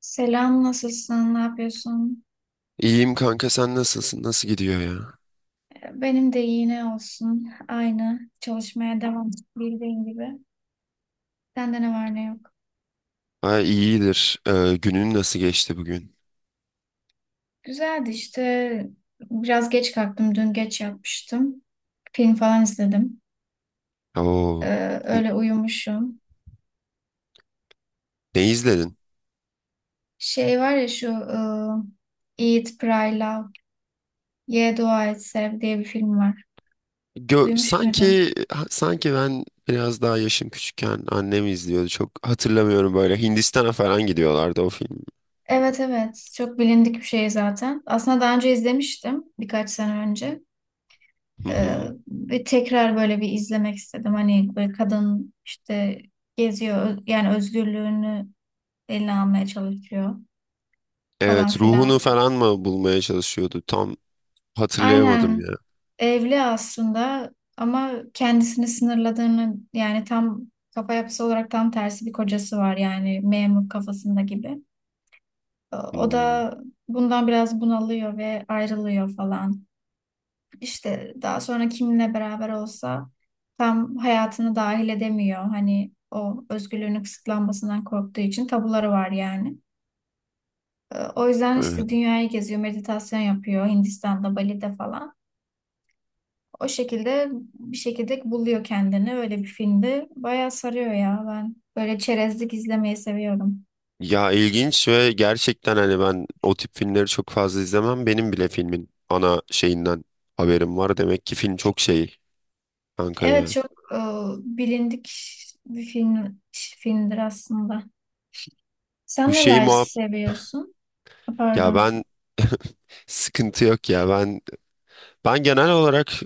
Selam, nasılsın? Ne yapıyorsun? İyiyim kanka sen nasılsın? Nasıl gidiyor ya? Benim de iyi ne olsun. Aynı. Çalışmaya devam bildiğin gibi. Sende ne var ne yok. Ha iyidir. Günün nasıl geçti bugün? Güzeldi işte. Biraz geç kalktım. Dün geç yapmıştım. Film falan izledim. Oo. N- Öyle uyumuşum. Ne izledin? Şey var ya şu Eat, Pray, Love, Ye, Dua Et, Sev diye bir film var. Duymuş muydun? Sanki ben biraz daha yaşım küçükken annem izliyordu. Çok hatırlamıyorum böyle. Hindistan'a falan gidiyorlardı o film. Evet evet. Çok bilindik bir şey zaten. Aslında daha önce izlemiştim. Birkaç sene önce. Hı Ee, hı. ve tekrar böyle bir izlemek istedim. Hani böyle kadın işte geziyor yani özgürlüğünü eline almaya çalışıyor falan Evet, filan. ruhunu falan mı bulmaya çalışıyordu? Tam hatırlayamadım ya. Aynen, evli aslında ama kendisini sınırladığını, yani tam kafa yapısı olarak tam tersi bir kocası var, yani memur kafasında gibi. O Hmm, da bundan biraz bunalıyor ve ayrılıyor falan. İşte daha sonra kiminle beraber olsa tam hayatını dahil edemiyor. Hani o özgürlüğünün kısıtlanmasından korktuğu için tabuları var yani. O yüzden evet. işte dünyayı geziyor, meditasyon yapıyor Hindistan'da, Bali'de falan. O şekilde bir şekilde buluyor kendini. Öyle bir filmde bayağı sarıyor ya. Ben böyle çerezlik izlemeyi seviyorum. Ya ilginç ve gerçekten hani ben o tip filmleri çok fazla izlemem. Benim bile filmin ana şeyinden haberim var. Demek ki film çok şey kanka ya. Evet, çok bilindik bir film filmdir aslında. Sen Bu şey neler muhab seviyorsun? ya Pardon. ben sıkıntı yok ya. Ben genel olarak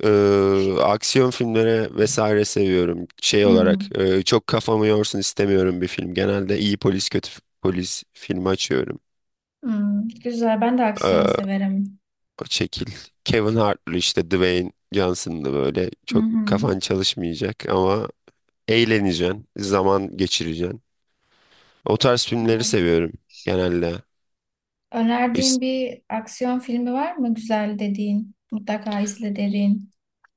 aksiyon filmleri vesaire seviyorum. Şey Hmm. olarak çok kafamı yorsun istemiyorum bir film. Genelde iyi polis kötü polis filmi açıyorum. Hmm, güzel. Ben de aksiyon E, severim. O şekil. Kevin Hart'lı işte Dwayne Johnson'lı böyle Hı çok hı. kafan çalışmayacak ama eğleneceksin, zaman geçireceksin. O tarz filmleri Evet. seviyorum genelde. İs- Önerdiğin bir aksiyon filmi var mı güzel dediğin? Mutlaka izle derin.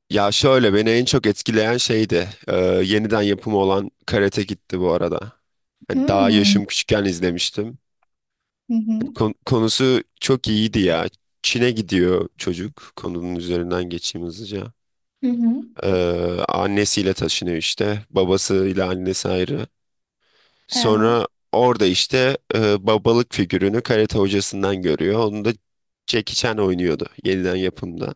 Ya şöyle beni en çok etkileyen şeydi. Yeniden yapımı olan Karate Kid'ti bu arada. Hani daha Hmm. yaşım küçükken izlemiştim. Hı Hani hı. Konusu çok iyiydi ya. Çin'e gidiyor çocuk. Konunun üzerinden geçeyim hızlıca. Hı hı. E, Annesiyle taşınıyor işte. Babasıyla annesi ayrı. Evet. Sonra orada işte babalık figürünü karate hocasından görüyor. Onu da Jackie Chan oynuyordu yeniden yapımda.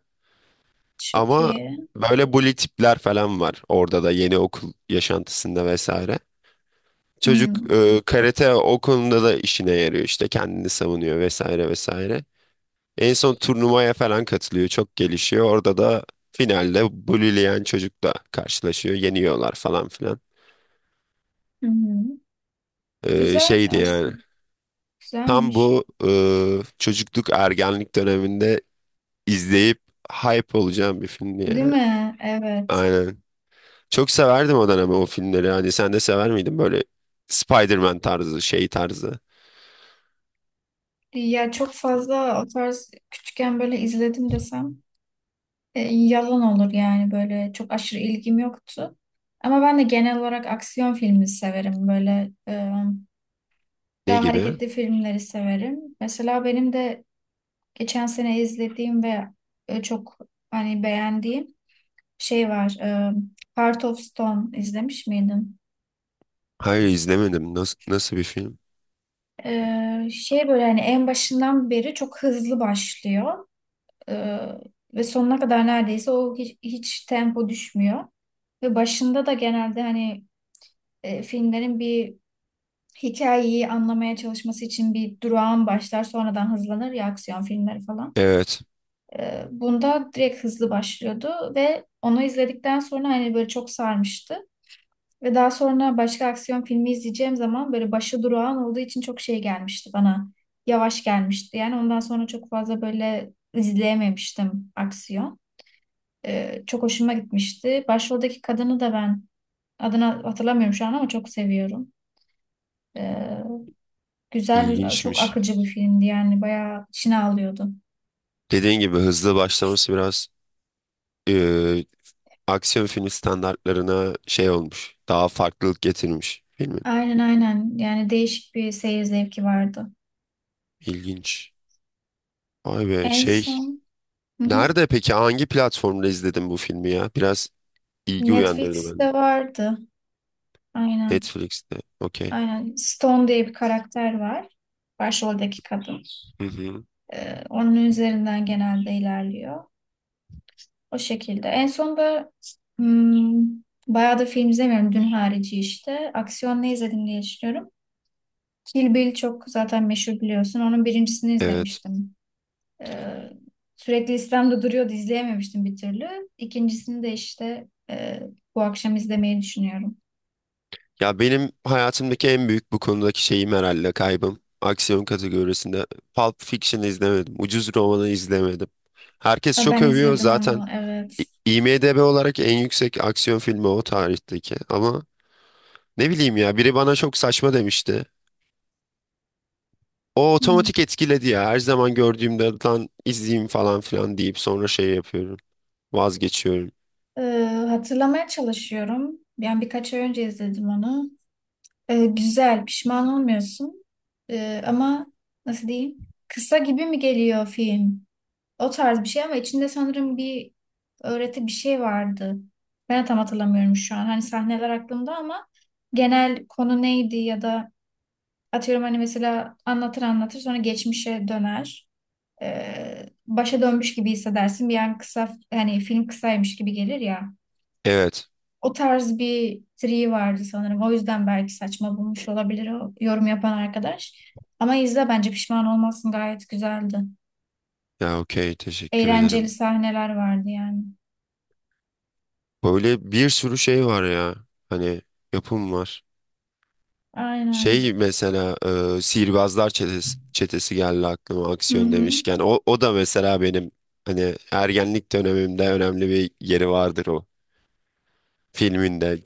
Çok Ama iyi. böyle bully tipler falan var orada da yeni okul yaşantısında vesaire. Çocuk Hmm. Karate o konuda da işine yarıyor işte kendini savunuyor vesaire vesaire. En son turnuvaya falan katılıyor çok gelişiyor. Orada da finalde bullyleyen çocukla karşılaşıyor yeniyorlar falan filan. Hı hı. Güzel Şeydi yani. aslında. Tam Güzelmiş. bu çocukluk ergenlik döneminde izleyip hype olacağım bir filmdi Değil yani. mi? Evet. Aynen. Çok severdim o dönem o filmleri. Hani sen de sever miydin böyle Spider-Man tarzı, şey tarzı? Ya çok fazla o tarz küçükken böyle izledim desem, yalan olur yani. Böyle çok aşırı ilgim yoktu. Ama ben de genel olarak aksiyon filmi severim. Böyle Ne daha gibi? hareketli filmleri severim. Mesela benim de geçen sene izlediğim ve çok hani beğendiğim şey var. Heart of Stone izlemiş miydin? Hayır izlemedim. Nasıl, nasıl bir film? Şey böyle hani en başından beri çok hızlı başlıyor. E, ve sonuna kadar neredeyse o hiç tempo düşmüyor. Ve başında da genelde hani filmlerin bir hikayeyi anlamaya çalışması için bir durağan başlar, sonradan hızlanır ya aksiyon filmleri falan. Evet, Bunda direkt hızlı başlıyordu ve onu izledikten sonra hani böyle çok sarmıştı. Ve daha sonra başka aksiyon filmi izleyeceğim zaman böyle başı durağan olduğu için çok şey gelmişti bana. Yavaş gelmişti. Yani ondan sonra çok fazla böyle izleyememiştim aksiyon. Çok hoşuma gitmişti. Başroldeki kadını da ben adını hatırlamıyorum şu an, ama çok seviyorum. E, Güzel bir, çok ilginçmiş. akıcı bir filmdi yani. Bayağı içine alıyordu. Dediğin gibi hızlı başlaması biraz e, aksiyon filmi standartlarına şey olmuş. Daha farklılık getirmiş filmin. Aynen aynen. Yani değişik bir seyir zevki vardı. İlginç. Vay be En şey son, hı hı. nerede peki hangi platformda izledin bu filmi ya? Biraz ilgi uyandırdı bende. Netflix'te vardı. Aynen. Netflix'te. Okey. Aynen. Stone diye bir karakter var. Başroldeki kadın. Hı hı. Onun üzerinden genelde ilerliyor. O şekilde. En son da hmm, bayağı da film izlemiyorum. Dün harici işte. Aksiyon ne izledim diye düşünüyorum. Kill Bill çok zaten meşhur, biliyorsun. Onun birincisini Evet. izlemiştim. Ee, sürekli listemde duruyordu, izleyememiştim bir türlü. İkincisini de işte bu akşam izlemeyi düşünüyorum. Ya benim hayatımdaki en büyük bu konudaki şeyim herhalde kaybım. Aksiyon kategorisinde Pulp Fiction izlemedim. Ucuz Roman'ı izlemedim. Herkes Ha, çok ben övüyor izledim zaten. onu, evet. İ- IMDb olarak en yüksek aksiyon filmi o tarihteki. Ama ne bileyim ya biri bana çok saçma demişti. O Hı. otomatik etkiledi ya. Her zaman gördüğümde lan izleyeyim falan filan deyip sonra şey yapıyorum. Vazgeçiyorum. Ee, hatırlamaya çalışıyorum. Yani birkaç ay önce izledim onu. Güzel, pişman olmuyorsun. Ama nasıl diyeyim? Kısa gibi mi geliyor film? O tarz bir şey, ama içinde sanırım bir öğreti, bir şey vardı. Ben de tam hatırlamıyorum şu an. Hani sahneler aklımda, ama genel konu neydi ya da... Atıyorum hani, mesela anlatır anlatır sonra geçmişe döner. Başa dönmüş gibi hissedersin. Bir an kısa, hani film kısaymış gibi gelir ya. Evet. O tarz bir triği vardı sanırım. O yüzden belki saçma bulmuş olabilir o yorum yapan arkadaş. Ama izle, bence pişman olmazsın, gayet güzeldi. Ya okey teşekkür Eğlenceli ederim. sahneler vardı yani. Böyle bir sürü şey var ya. Hani yapım var. Aynen. Şey mesela Sihirbazlar Çetesi, Çetesi geldi aklıma Hı aksiyon hı. demişken. O da mesela benim hani ergenlik dönemimde önemli bir yeri vardır o filminde.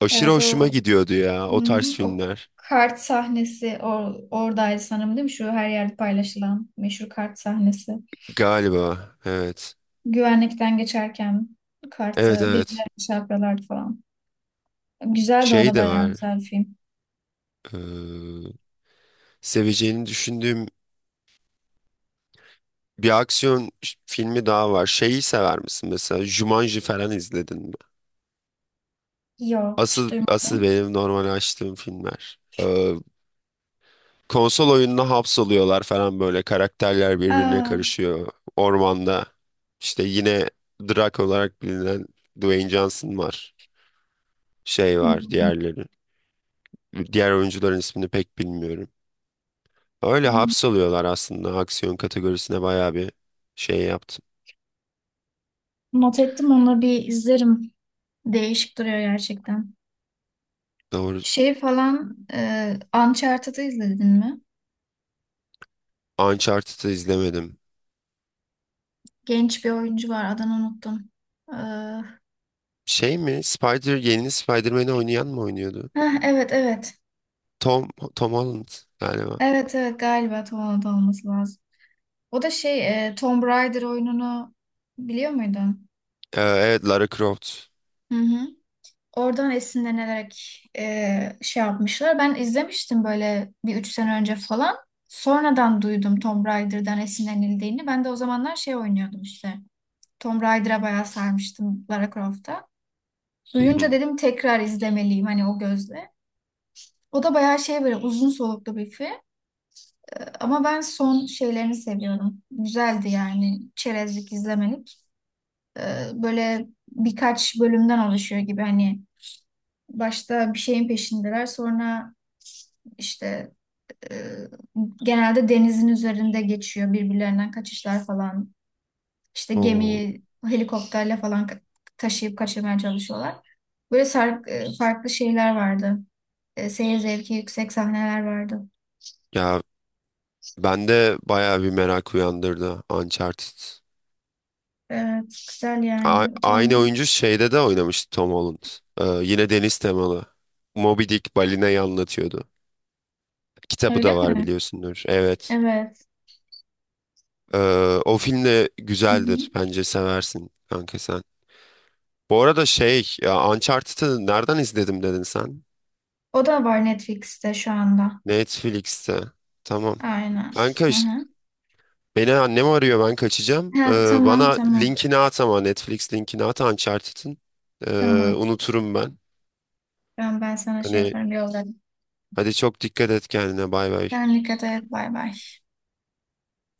Aşırı Evet, o, hoşuma gidiyordu ya hı o tarz hı. O filmler. kart sahnesi oradaydı sanırım, değil mi? Şu her yerde paylaşılan meşhur kart sahnesi. Galiba evet. Güvenlikten geçerken Evet kartı evet. birbirlerine çarpıyorlardı falan. Güzeldi, o Şey da de bayağı var. güzel bir film. eee, Seveceğini düşündüğüm bir aksiyon filmi daha var. Şeyi sever misin mesela? Jumanji falan izledin mi? Yok, hiç Asıl asıl duymadım. benim normal açtığım filmler. Konsol oyununa hapsoluyorlar falan böyle. Karakterler birbirine Aa, karışıyor. Ormanda. İşte yine Drake olarak bilinen Dwayne Johnson var. Şey var hmm, diğerleri. Diğer oyuncuların ismini pek bilmiyorum. Öyle hmm. hapsoluyorlar aslında. Aksiyon kategorisine bayağı bir şey yaptım. Not ettim, onu bir izlerim. Değişik duruyor gerçekten. Doğru. Şey falan Uncharted'ı izledin mi? Uncharted'ı izlemedim. Genç bir oyuncu var, adını unuttum. Ee, Şey mi? Spider, yeni Spider-Man'i oynayan mı oynuyordu? Evet evet. Tom, Tom Holland galiba. Evet evet, galiba Tom Holland olması lazım. O da şey Tomb Raider oyununu biliyor muydun? Evet Lara Croft. Hı hı. Oradan esinlenerek şey yapmışlar. Ben izlemiştim böyle bir 3 sene önce falan. Sonradan duydum Tomb Raider'dan esinlenildiğini. Ben de o zamanlar şey oynuyordum işte. Tomb Raider'a bayağı sarmıştım, Lara Croft'a. Hı Duyunca hı. dedim tekrar izlemeliyim hani o gözle. O da bayağı şey, böyle uzun soluklu bir film. Ama ben son şeylerini seviyorum. Güzeldi yani, çerezlik izlemelik. E, böyle birkaç bölümden oluşuyor gibi hani. Başta bir şeyin peşindeler. Sonra işte e, genelde denizin üzerinde geçiyor. Birbirlerinden kaçışlar falan. İşte Oo, gemiyi helikopterle falan taşıyıp kaçırmaya çalışıyorlar. Böyle farklı şeyler vardı. Seyir zevki yüksek sahneler vardı. ya bende bayağı bir merak uyandırdı Uncharted. Evet, güzel yani. Tom, Aynı oyuncu şeyde de oynamıştı Tom Holland. Yine deniz temalı. Moby Dick balinayı anlatıyordu. Kitabı öyle da var mi? biliyorsundur. Evet. Evet. Ee, O film de Hı hı. güzeldir. Bence seversin kanka sen. Bu arada şey, ya Uncharted'ı nereden izledim dedin sen? O da var Netflix'te şu anda. Netflix'te. Tamam. Aynen. Kanka Hı hı. beni annem arıyor ben kaçacağım. Ha, tamam Bana tamam. linkini at ama Netflix linkini at Uncharted'ın. Tamam. Unuturum ben. Ben sana şey Hani yaparım yolda. hadi çok dikkat et kendine bay bay. Sen dikkat et. Bay bay.